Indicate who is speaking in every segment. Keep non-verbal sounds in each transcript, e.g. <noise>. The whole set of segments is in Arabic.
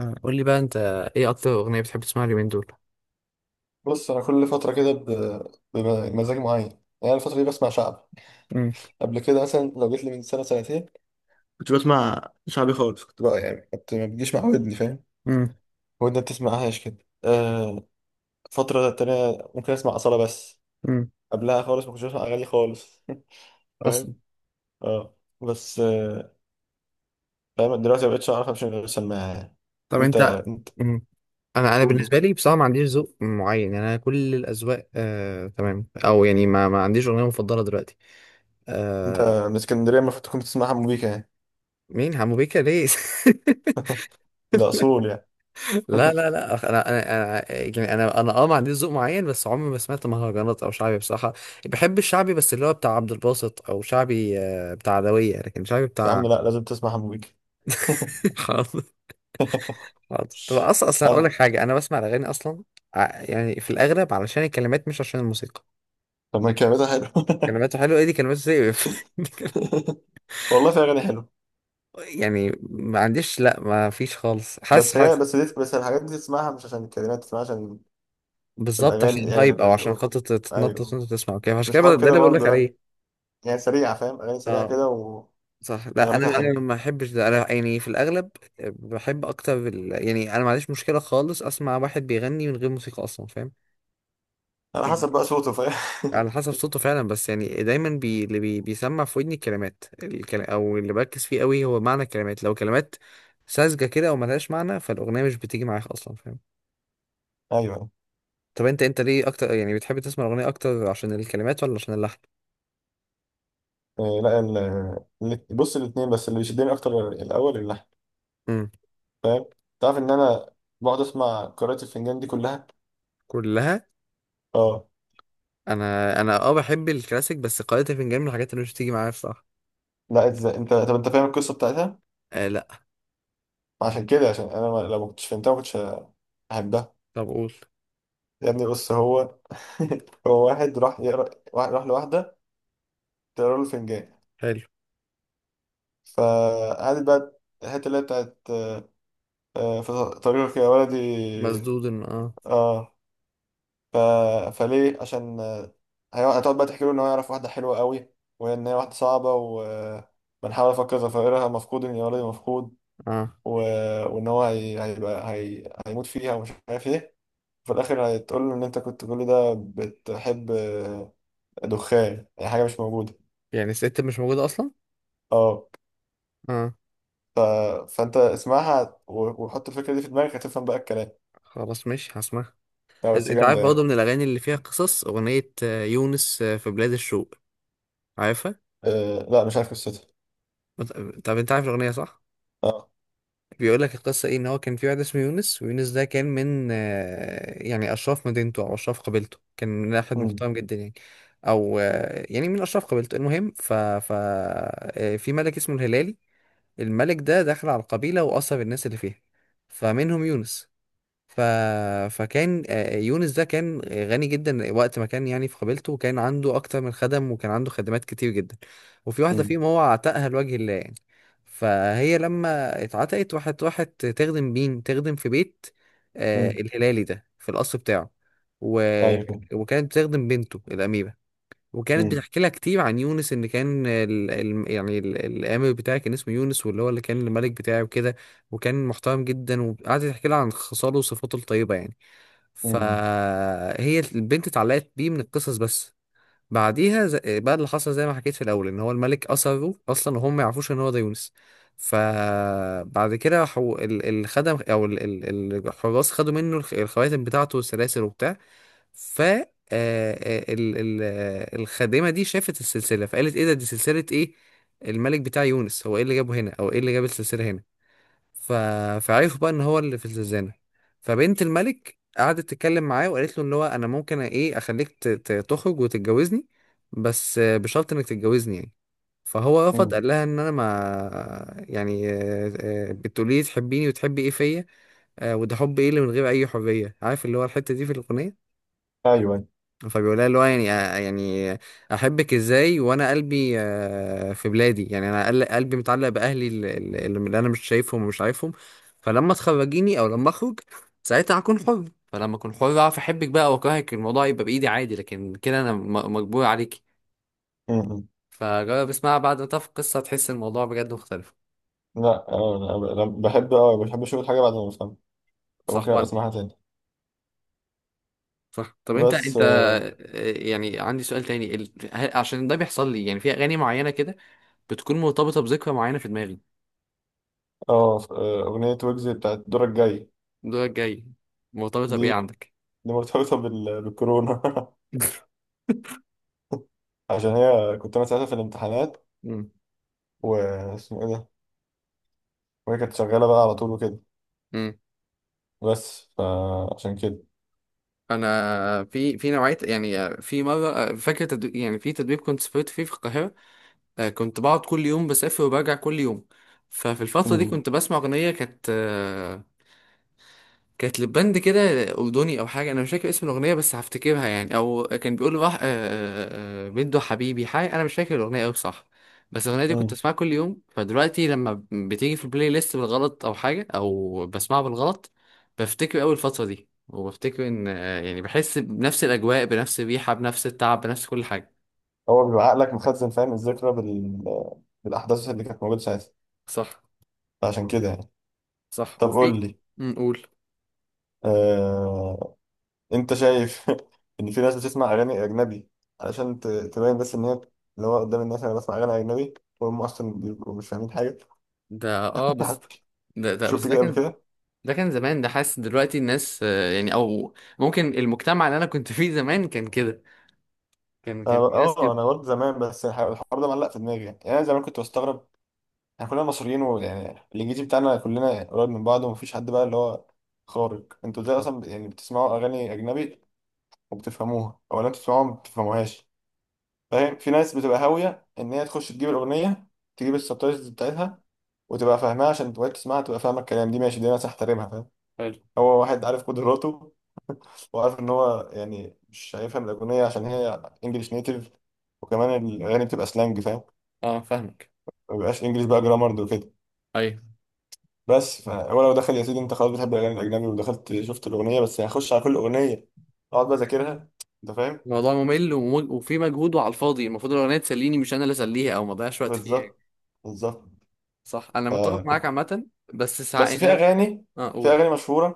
Speaker 1: قول لي بقى انت، ايه اكتر اغنيه بتحب تسمعها اليومين دول؟
Speaker 2: بص انا كل فتره كده بمزاج معين يعني. أنا الفتره دي بسمع شعب.
Speaker 1: امم.
Speaker 2: قبل كده مثلا لو جيت لي من سنه سنتين كنت بسمع شعبي خالص، كنت بقى يعني كنت ما بتجيش مع ودني فاهم،
Speaker 1: امم.
Speaker 2: ودني ما بتسمعهاش كده. آه. فتره تانية ممكن اسمع اصاله بس.
Speaker 1: امم.
Speaker 2: قبلها خالص ما كنتش بسمع اغاني خالص. <laughs> فاهم.
Speaker 1: اصلا.
Speaker 2: اه بس آه. فاهم، دلوقتي ما بقتش اعرف امشي من غير سماعه يعني.
Speaker 1: طب
Speaker 2: انت
Speaker 1: انت؟ لا.
Speaker 2: انت
Speaker 1: امم. انا
Speaker 2: قوله.
Speaker 1: بالنسبه لي بصراحه ما عنديش ذوق معين، يعني انا كل الاذواق تمام، او يعني ما عنديش اغنيه مفضله دلوقتي.
Speaker 2: انت
Speaker 1: آه،
Speaker 2: من اسكندريه المفروض تكون بتسمع حمو بيكا يعني،
Speaker 1: مين حمو بيكا ليه؟ <laughs>
Speaker 2: ده اصول يعني.
Speaker 1: لا لا
Speaker 2: <laughs>
Speaker 1: لا، انا انا يعني انا ما عنديش ذوق معين، بس عمري ما سمعت مهرجانات او شعبي بصراحه. بحب الشعبي، بس اللي هو بتاع عبد الباسط، او شعبي بتاع عدويه، لكن شعبي
Speaker 2: يا
Speaker 1: بتاع...
Speaker 2: عم لا، لازم تسمع حمو بيكا.
Speaker 1: <laughs> حرام.
Speaker 2: <laughs>
Speaker 1: حاضر. طب اصلا اقول لك
Speaker 2: طب
Speaker 1: حاجه، انا بسمع الاغاني اصلا يعني في الاغلب علشان الكلمات، مش عشان الموسيقى.
Speaker 2: طب ما الكلمات حلوة.
Speaker 1: كلماته حلوه؟ ايه دي كلماته؟ زي...
Speaker 2: <laughs> والله في أغاني حلوة.
Speaker 1: <laughs> يعني ما عنديش، لا ما فيش خالص. حاسس حاسس
Speaker 2: بس الحاجات دي تسمعها مش عشان الكلمات، تسمعها عشان
Speaker 1: بالظبط عشان
Speaker 2: الأغاني يعني
Speaker 1: الهايب، او عشان خاطر تتنطط
Speaker 2: أيوه.
Speaker 1: وانت تسمع وكده، عشان
Speaker 2: مش
Speaker 1: كده
Speaker 2: حوار
Speaker 1: ده
Speaker 2: كده
Speaker 1: اللي بقول لك
Speaker 2: برضه لأ،
Speaker 1: عليه.
Speaker 2: يعني سريعة، فاهم، أغاني سريعة
Speaker 1: اه،
Speaker 2: كده ونغمتها
Speaker 1: صح. لا انا
Speaker 2: حلوة.
Speaker 1: ما بحبش ده، انا يعني في الاغلب بحب اكتر ال... يعني انا ما عنديش مشكله خالص اسمع واحد بيغني من غير موسيقى اصلا، فاهم؟
Speaker 2: على حسب بقى صوته، فاهم. <laughs>
Speaker 1: على حسب صوته فعلا. بس يعني دايما بيسمع في ودني الكلمات او اللي بركز فيه قوي هو معنى الكلمات. لو كلمات ساذجه كده او ملهاش معنى، فالاغنيه مش بتيجي معاك اصلا، فاهم؟
Speaker 2: أيوه.
Speaker 1: طب انت ليه اكتر، يعني بتحب تسمع الاغنيه اكتر عشان الكلمات ولا عشان اللحن؟
Speaker 2: لا، بص الاتنين، بس اللي بيشدني أكتر الأول اللحن،
Speaker 1: امم.
Speaker 2: فاهم. تعرف إن أنا بقعد أسمع قراءة الفنجان دي كلها.
Speaker 1: كلها.
Speaker 2: اه.
Speaker 1: انا بحب الكلاسيك، بس قارئة الفنجان من الحاجات اللي مش بتيجي معايا بصراحه.
Speaker 2: لا، انت طب، انت فاهم القصة بتاعتها؟
Speaker 1: آه لا.
Speaker 2: عشان كده، عشان انا لو ما كنتش فهمتها ما كنتش هحبها.
Speaker 1: طب قول.
Speaker 2: يا ابني بص، هو <laughs> هو واحد راح يقرا، واحد راح لواحدة تقرا له فنجان.
Speaker 1: حلو.
Speaker 2: فقعدت بقى الحتة اللي هي بتاعت في طريقك يا ولدي.
Speaker 1: اه.
Speaker 2: اه. ف... فليه؟ عشان هتقعد بقى تحكي له ان هو يعرف واحدة حلوة قوي، وان هي واحدة صعبة وبنحاول افكر ظفائرها مفقود يا ولدي مفقود.
Speaker 1: اه.
Speaker 2: و... وان هو هي... هيبقى هي... هيموت فيها ومش عارف ايه. في الاخر هتقول له ان انت كنت كل ده بتحب دخان، يعني حاجة مش موجودة.
Speaker 1: يعني الست مش موجوده اصلا.
Speaker 2: اه.
Speaker 1: اه.
Speaker 2: ف... فانت اسمعها وحط الفكره دي في دماغك هتفهم بقى الكلام.
Speaker 1: خلاص ماشي هسمعها.
Speaker 2: لا بس
Speaker 1: انت عارف
Speaker 2: جامده
Speaker 1: برضه
Speaker 2: يعني.
Speaker 1: من الاغاني اللي فيها قصص اغنيه يونس، في بلاد الشوق، عارفها؟
Speaker 2: أه. لا مش عارف قصتها.
Speaker 1: بت- طب انت عارف الاغنيه صح؟
Speaker 2: اه.
Speaker 1: بيقول لك القصه ايه، ان هو كان في واحد اسمه يونس، ويونس ده كان من يعني اشراف مدينته، او اشراف قبيلته، كان من واحد
Speaker 2: امم
Speaker 1: محترم جدا يعني. او يعني من اشراف قبيلته. المهم ف, ف... آه، في ملك اسمه الهلالي. الملك ده دخل على القبيله واثر الناس اللي فيها، فمنهم يونس. ف... فكان يونس ده كان غني جدا وقت ما كان يعني في قبيلته، كان عنده اكتر من خدم، وكان عنده خدمات كتير جدا، وفي واحده
Speaker 2: امم
Speaker 1: فيهم هو عتقها لوجه الله يعني. فهي لما اتعتقت راحت، تخدم مين؟ تخدم في بيت
Speaker 2: امم
Speaker 1: الهلالي ده، في القصر بتاعه. و...
Speaker 2: ايوه كده.
Speaker 1: وكانت بتخدم بنته الاميره، وكانت
Speaker 2: امم
Speaker 1: بتحكي لها كتير عن يونس، ان كان يعني الامر بتاعي كان اسمه يونس، واللي هو اللي كان الملك بتاعي وكده. وكان محترم جدا، وقعدت تحكي لها عن خصاله وصفاته الطيبه يعني.
Speaker 2: امم
Speaker 1: فهي البنت اتعلقت بيه من القصص بس. بعديها بقى اللي حصل زي ما حكيت في الاول، ان هو الملك اثره اصلا، وهم ما يعرفوش ان هو ده يونس. فبعد كده الخدم، او الحراس، خدوا منه الخواتم بتاعته والسلاسل وبتاع. ف آه، آه، ال- ال- آه، الخادمه دي شافت السلسله، فقالت ايه ده؟ دي سلسله ايه؟ الملك بتاع يونس، هو ايه اللي جابه هنا، او ايه اللي جاب السلسله هنا؟ ف... فعرفوا بقى ان هو اللي في الزنزانه. فبنت الملك قعدت تتكلم معاه وقالت له ان هو انا ممكن ايه اخليك تخرج وتتجوزني، بس بشرط انك تتجوزني يعني. فهو رفض،
Speaker 2: امم
Speaker 1: قال لها ان انا ما يعني بتقولي لي تحبيني وتحبي ايه فيا؟ وده حب ايه اللي من غير اي حريه؟ عارف اللي هو الحته دي في الاغنيه؟
Speaker 2: ايوه.
Speaker 1: فبيقول لها اللي هو يعني يعني احبك ازاي وانا قلبي في بلادي؟ يعني انا قلبي متعلق باهلي اللي انا مش شايفهم ومش عارفهم. فلما تخرجيني، او لما اخرج، ساعتها هكون حر، فلما اكون حر اعرف احبك بقى واكرهك، الموضوع يبقى بايدي عادي، لكن كده انا مجبور عليكي.
Speaker 2: امم
Speaker 1: فجرب اسمعها بعد ما تعرف القصه، هتحس إن الموضوع بجد مختلف.
Speaker 2: لا، انا، أنا بحب اشوف الحاجه بعد ما بفهمها،
Speaker 1: صح
Speaker 2: فممكن ابقى
Speaker 1: وانا.
Speaker 2: اسمعها تاني.
Speaker 1: صح. طب انت
Speaker 2: بس
Speaker 1: انت
Speaker 2: اه.
Speaker 1: يعني عندي سؤال تاني، عشان ده بيحصل لي يعني في اغاني معينه كده، بتكون مرتبطه بذكرى معينه في دماغي.
Speaker 2: اغنيه ويجز بتاعت دورك جاي.
Speaker 1: الدولة الجاية، مرتبطة بإيه
Speaker 2: دي
Speaker 1: عندك؟
Speaker 2: دي مرتبطه بالكورونا. <laughs>
Speaker 1: <laughs>
Speaker 2: عشان هي كنت انا ساعتها في الامتحانات،
Speaker 1: مم.
Speaker 2: واسمه ايه ده، وهي كانت شغاله بقى على طول وكده،
Speaker 1: مم.
Speaker 2: بس فعشان كده.
Speaker 1: أنا في نوعية، يعني في مرة، فاكر تدريب، يعني في تدريب كنت سافرت فيه في القاهرة، كنت بقعد كل يوم بسافر وبرجع كل يوم. ففي الفترة دي
Speaker 2: مم.
Speaker 1: كنت بسمع أغنية كانت كانت لباند كده، أردني أو حاجة، أنا مش فاكر اسم الأغنية، بس هفتكرها يعني، أو كان بيقول راح بنته حبيبي، حاجة أنا مش فاكر الأغنية أوي، صح. بس الأغنية دي كنت
Speaker 2: مم.
Speaker 1: أسمعها كل يوم، فدلوقتي لما بتيجي في البلاي ليست بالغلط، أو حاجة، أو بسمعها بالغلط، بفتكر أوي الفترة دي، وبفتكر إن يعني بحس بنفس الأجواء، بنفس الريحة، بنفس التعب، بنفس كل حاجة.
Speaker 2: هو بيبقى عقلك مخزن، فاهم، الذكرى بالأحداث اللي كانت موجودة ساعتها.
Speaker 1: صح.
Speaker 2: فعشان كده يعني.
Speaker 1: صح.
Speaker 2: طب
Speaker 1: وفي
Speaker 2: قول
Speaker 1: في.
Speaker 2: لي.
Speaker 1: أمم، قول.
Speaker 2: آه... أنت شايف <laughs> إن في ناس بتسمع أغاني أجنبي علشان تبين بس إن هي، اللي هو قدام الناس، أنا بسمع أغاني أجنبي، وهم أصلا بيبقوا مش فاهمين حاجة.
Speaker 1: ده اه، بس
Speaker 2: <laughs>
Speaker 1: ده ده بس
Speaker 2: شفت
Speaker 1: ده
Speaker 2: كده قبل
Speaker 1: كان.
Speaker 2: كده؟
Speaker 1: ده كان زمان، ده حاسس دلوقتي الناس يعني او ممكن المجتمع اللي انا كنت فيه زمان كان كده. كان في ناس
Speaker 2: اه،
Speaker 1: كده.
Speaker 2: انا برضه زمان، بس الحوار ده معلق في دماغي، يعني انا زمان كنت بستغرب، احنا كلنا مصريين ويعني الانجليزي بتاعنا كلنا قريب من بعض، ومفيش حد بقى اللي هو خارق. انتوا ازاي
Speaker 1: اه.
Speaker 2: اصلا يعني بتسمعوا اغاني اجنبي وبتفهموها، ولا انتوا بتسمعوها ما بتفهموهاش؟ فاهم، في ناس بتبقى هاويه ان هي تخش تجيب الاغنيه، تجيب السبتايتلز بتاعتها وتبقى فاهمها، عشان تبقى تسمعها تبقى فاهمه الكلام، دي ماشي، دي ناس احترمها، فاهم،
Speaker 1: حلو.
Speaker 2: هو واحد عارف قدراته، وعارف ان هو يعني مش هيفهم الاغنيه عشان هي انجلش نيتيف، وكمان الاغاني بتبقى سلانج، فاهم،
Speaker 1: اه، فاهمك.
Speaker 2: ما بيبقاش انجلش بقى جرامر وكده.
Speaker 1: ايوه.
Speaker 2: بس فهو لو دخل، يا سيدي انت خلاص بتحب الاغاني الاجنبي ودخلت شفت الاغنيه، بس هخش على كل اغنيه اقعد بقى اذاكرها، انت فاهم.
Speaker 1: الموضوع ممل، وفي مجهود وعلى الفاضي، المفروض الاغنيه تسليني، مش انا اللي اسليها، او ما اضيعش وقت فيها يعني.
Speaker 2: بالظبط، بالظبط.
Speaker 1: صح، انا متفق
Speaker 2: فكنت،
Speaker 1: معاك عامه. بس ساعات
Speaker 2: بس في
Speaker 1: يعني انا
Speaker 2: اغاني
Speaker 1: اه
Speaker 2: في
Speaker 1: اقول.
Speaker 2: اغاني مشهوره،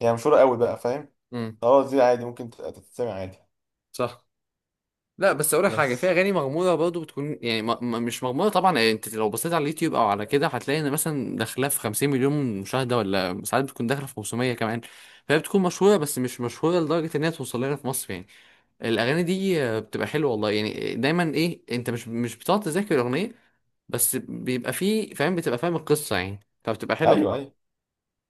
Speaker 2: يعني مشهوره قوي بقى، فاهم،
Speaker 1: امم.
Speaker 2: خلاص دي عادي ممكن تتسمع عادي.
Speaker 1: صح. لا بس اقول لك حاجه، في
Speaker 2: بس
Speaker 1: اغاني مغموضه برضه، بتكون يعني م م مش مغموضه طبعا، يعني انت لو بصيت على اليوتيوب او على كده، هتلاقي ان مثلا داخله في 50 مليون مشاهده، ولا ساعات بتكون داخله في 500 كمان. فهي بتكون مشهوره بس مش مشهوره لدرجه ان هي توصل لنا في مصر يعني. الاغاني دي بتبقى حلوه والله، يعني دايما، ايه، انت مش بتقعد تذاكر الاغنيه، بس بيبقى فيه فاهم، بتبقى فاهم القصه يعني، فبتبقى حلوه
Speaker 2: ايوه، ايوه.
Speaker 1: بصراحه.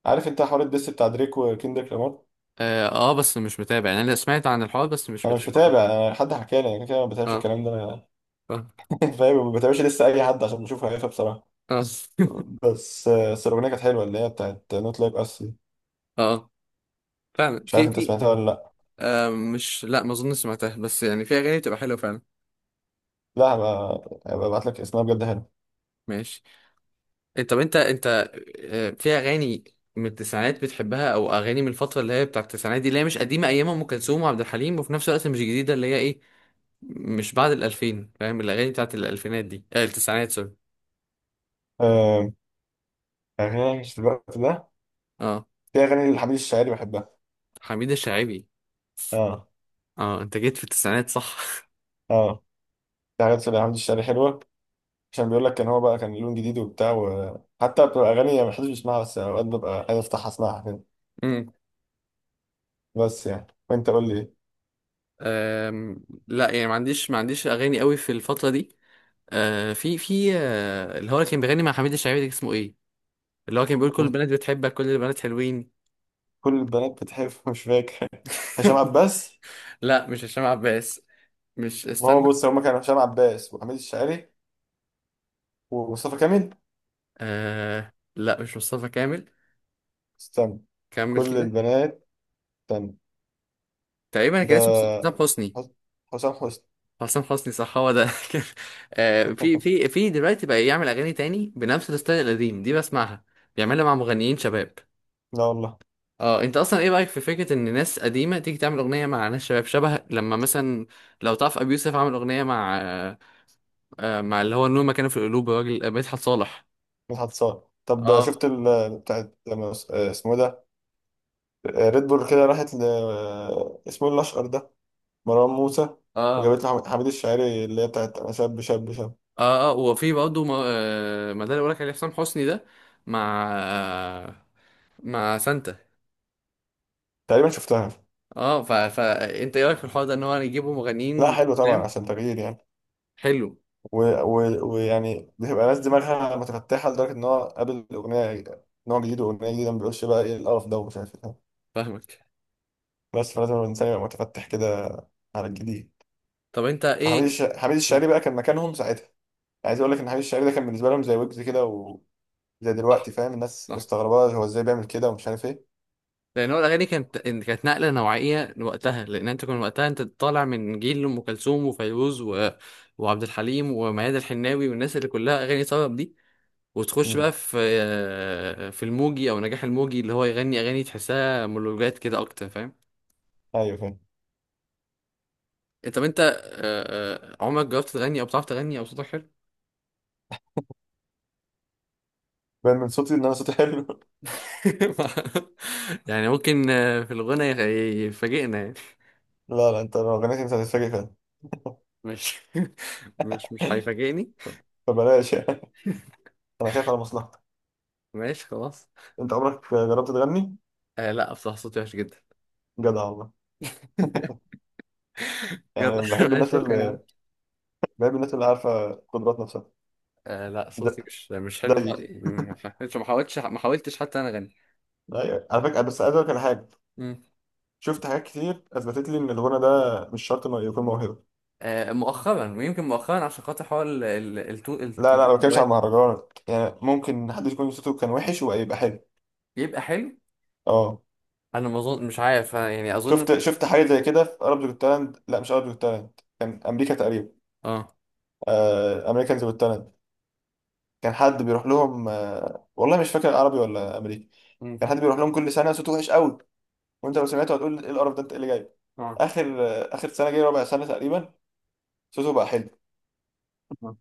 Speaker 2: عارف انت حوار الدس بتاع دريك وكندريك لامار؟
Speaker 1: اه، آه، بس مش متابع، يعني انا سمعت عن الحوار بس مش
Speaker 2: انا مش
Speaker 1: متابع.
Speaker 2: متابع، انا حد حكى لي، انا كده كده ما بتابعش
Speaker 1: اه.
Speaker 2: الكلام ده أنا.
Speaker 1: اه.
Speaker 2: <laughs> فاهم، ما بتابعش لسه اي حد، عشان بشوف هيفا بصراحه.
Speaker 1: اه.
Speaker 2: بس الاغنيه كانت حلوه اللي هي بتاعت نوت لايك اس،
Speaker 1: <laughs> آه. فعلا
Speaker 2: مش عارف
Speaker 1: في
Speaker 2: انت
Speaker 1: في.
Speaker 2: سمعتها ولا لا.
Speaker 1: آه مش، لا ما اظن سمعتها، بس يعني في اغاني بتبقى حلوه فعلا.
Speaker 2: لا، هبقى ابعت لك اسمها، بجد حلو.
Speaker 1: ماشي. إيه، طب انت في اغاني من التسعينات بتحبها؟ او اغاني من الفتره اللي هي بتاعت التسعينات دي، اللي هي مش قديمه ايام ام كلثوم وعبد الحليم، وفي نفس الوقت مش جديده، اللي هي ايه، مش بعد الالفين، فاهم، الاغاني بتاعت الالفينات دي، آه التسعينات سوري.
Speaker 2: آه، اغاني في الوقت ده،
Speaker 1: اه،
Speaker 2: في اغاني لحميد الشاعري بحبها.
Speaker 1: حميد الشاعبي.
Speaker 2: اه،
Speaker 1: اه، انت جيت في التسعينات صح؟
Speaker 2: اه. في حاجات لحميد الشاعري حلوه، عشان بيقول لك كان هو بقى كان لون جديد وبتاع، وحتى بتبقى اغاني ما حدش بيسمعها، بس اوقات ببقى عايز افتحها اسمعها كده.
Speaker 1: <laughs> امم.
Speaker 2: بس يعني، وانت قول لي إيه؟
Speaker 1: آم، لا يعني ما عنديش اغاني قوي في الفتره دي. آه في في آه اللي هو اللي كان بيغني مع حميد الشاعبي ده اسمه ايه؟ اللي هو كان بيقول كل البنات بتحبك، كل البنات حلوين.
Speaker 2: كل البنات بتحب. <laughs> مش فاكر. هشام
Speaker 1: <laughs>
Speaker 2: عباس.
Speaker 1: لا مش هشام عباس. مش،
Speaker 2: ما
Speaker 1: استنى.
Speaker 2: هو بص، هما كانوا هشام عباس وحميد الشاعري ومصطفى كامل.
Speaker 1: آه لا، مش مصطفى كامل.
Speaker 2: استنى.
Speaker 1: كمل
Speaker 2: كل
Speaker 1: كده.
Speaker 2: البنات. استنى.
Speaker 1: تقريبا كان اسمه
Speaker 2: ده
Speaker 1: حسام حسني.
Speaker 2: حس- حسام حسني.
Speaker 1: حسام حسني صح، هو ده. <laughs> كان آه في
Speaker 2: <laughs>
Speaker 1: في في دلوقتي بقى يعمل اغاني تاني بنفس الستايل القديم دي، بسمعها. بيعملها مع مغنيين شباب.
Speaker 2: لا والله.
Speaker 1: اه، انت اصلا ايه رايك في فكره ان ناس قديمه تيجي تعمل اغنيه مع ناس شباب، شبه لما مثلا، لو تعرف ابي يوسف عمل اغنيه مع مع اللي هو النور مكانه في القلوب، الراجل مدحت صالح.
Speaker 2: مدحت صالح. طب
Speaker 1: اه.
Speaker 2: شفت ال بتاعت لما اسمه إيه ده، ريد بول كده، راحت ل اسمه إيه، الأشقر ده، مروان موسى،
Speaker 1: اه.
Speaker 2: وجابت له حميد الشاعري اللي هي بتاعت أنا شاب شاب شاب؟
Speaker 1: اه. اه، وفي برضه ما ده اللي بقولك عليه، حسام حسني ده، مع مع سانتا.
Speaker 2: تقريبا شفتها.
Speaker 1: اه. فانت ايه رايك في الحوار ده ان هو يجيبوا
Speaker 2: لا
Speaker 1: مغنيين
Speaker 2: حلو طبعا،
Speaker 1: قدام؟
Speaker 2: عشان تغيير يعني،
Speaker 1: حلو.
Speaker 2: ويعني و- ويعني بتبقى ناس دماغها متفتحة لدرجة إن هو قابل أغنية نوع جديد وأغنية جديدة ما بيقولش بقى إيه القرف ده ومش عارف إيه.
Speaker 1: فاهمك.
Speaker 2: بس فلازم الإنسان يبقى متفتح كده على الجديد.
Speaker 1: طب انت ايه؟
Speaker 2: حميد الشاعري بقى كان مكانهم ساعتها. عايز اقول لك ان حميد الشاعري ده كان بالنسبه لهم زي ويجز كده، زي
Speaker 1: صح.
Speaker 2: دلوقتي، فاهم، الناس
Speaker 1: صح.
Speaker 2: مستغربة هو ازاي بيعمل كده ومش عارف ايه.
Speaker 1: لان هو الاغاني كانت نقله نوعيه وقتها، لان انت كنت وقتها، انت طالع من جيل ام كلثوم وفيروز و... وعبد الحليم وميادة الحناوي والناس اللي كلها اغاني طرب دي، وتخش
Speaker 2: امم
Speaker 1: بقى في في الموجي او نجاح الموجي، اللي هو يغني اغاني تحسها مونولوجات كده اكتر، فاهم؟
Speaker 2: ايوه فاهم.
Speaker 1: انت طب انت آه، آه، عمرك جربت تغني؟ او بتعرف تغني؟ او صوتك حلو؟
Speaker 2: باين من صوتي ان انا صوتي حلو. <laughs>
Speaker 1: <laughs> يعني ممكن في الغنى يفاجئنا يعني.
Speaker 2: لا لا، انت لو غنيت انت هتتفاجئ فعلا.
Speaker 1: مش <laughs> مش
Speaker 2: <laughs>
Speaker 1: هيفاجئني.
Speaker 2: فبلاش يعني، انا خايف على مصلحتك.
Speaker 1: ماشي خلاص.
Speaker 2: انت عمرك جربت تغني؟
Speaker 1: آه لا، بصراحة صوتي وحش جدا.
Speaker 2: جدع والله.
Speaker 1: <laughs> يلا
Speaker 2: يعني
Speaker 1: <laughs>
Speaker 2: بحب
Speaker 1: ماشي،
Speaker 2: الناس
Speaker 1: شكرا يا
Speaker 2: اللي
Speaker 1: عم.
Speaker 2: بحب الناس اللي عارفه قدرات نفسها،
Speaker 1: آه لا،
Speaker 2: زي
Speaker 1: صوتي مش حلو
Speaker 2: زي
Speaker 1: خالص.
Speaker 2: كده.
Speaker 1: ما حاولتش حتى انا اغني.
Speaker 2: ايوه على فكره، بس عايز اقول لك على حاجه.
Speaker 1: مم.
Speaker 2: شفت حاجات كتير اثبتت لي ان الغنى ده مش شرط انه يكون موهبه.
Speaker 1: مؤخرا، ويمكن مؤخرا عشان خاطر حوار
Speaker 2: لا لا، ما بتكلمش
Speaker 1: الواد
Speaker 2: عن مهرجانات، يعني ممكن حد يكون صوته كان وحش ويبقى حلو.
Speaker 1: يبقى حلو.
Speaker 2: اه،
Speaker 1: انا ما اظن، مش عارف، أنا يعني اظن.
Speaker 2: شفت حاجه زي كده في اربز جوت تالنت، لا مش اربز جوت تالنت، كان امريكا تقريبا،
Speaker 1: اه.
Speaker 2: آه، امريكانز جوت تالنت. كان حد بيروح لهم، آه والله مش فاكر عربي ولا امريكي،
Speaker 1: مم.
Speaker 2: كان حد بيروح لهم كل سنه صوته وحش قوي، وانت لو سمعته هتقول ايه القرف ده، انت ايه اللي جايب؟
Speaker 1: اه.
Speaker 2: اخر سنه جاي، ربع سنه تقريبا، صوته بقى حلو.
Speaker 1: آه.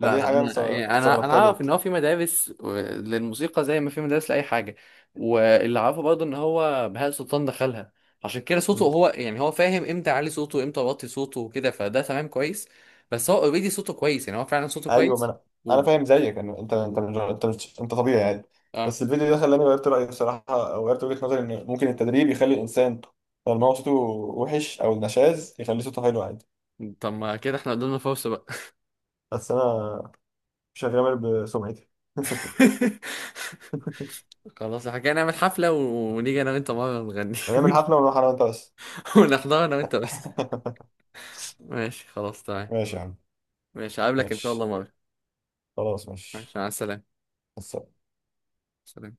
Speaker 1: لا
Speaker 2: فدي
Speaker 1: لا،
Speaker 2: حاجه انا
Speaker 1: انا يعني انا انا
Speaker 2: استغربتها
Speaker 1: اعرف
Speaker 2: جدا.
Speaker 1: ان هو في مدارس للموسيقى، زي ما في مدارس لاي حاجه. واللي عارفه برضه ان هو بهاء سلطان دخلها، عشان كده صوته هو يعني هو فاهم امتى اعلي صوته وامتى اوطي صوته وكده، فده تمام كويس. بس هو اوريدي صوته كويس، يعني هو فعلا صوته
Speaker 2: ايوه، ما
Speaker 1: كويس.
Speaker 2: انا
Speaker 1: و...
Speaker 2: فاهم زيك إن انت انت مش- انت مش انت طبيعي يعني.
Speaker 1: اه.
Speaker 2: بس الفيديو ده خلاني غيرت رايي بصراحه، او غيرت وجهه نظري ان ممكن التدريب يخلي الانسان لما هو صوته وحش او نشاز يخلي صوته حلو عادي.
Speaker 1: طب ما كده احنا قدامنا فرصه بقى.
Speaker 2: بس انا مش هغامر بسمعتي.
Speaker 1: <laughs>
Speaker 2: <laughs>
Speaker 1: خلاص، حكينا نعمل حفلة ونيجي انا وانت مرة نغني.
Speaker 2: هنعمل حفله ونروح انا وانت بس.
Speaker 1: <laughs> ونحضر انا وانت بس.
Speaker 2: <laughs>
Speaker 1: ماشي، خلاص تمام.
Speaker 2: ماشي يا عم،
Speaker 1: ماشي، هقابلك ان شاء الله
Speaker 2: ماشي،
Speaker 1: مرة.
Speaker 2: خلاص، ماشي
Speaker 1: ماشي، مع السلامة.
Speaker 2: بس.
Speaker 1: سلام.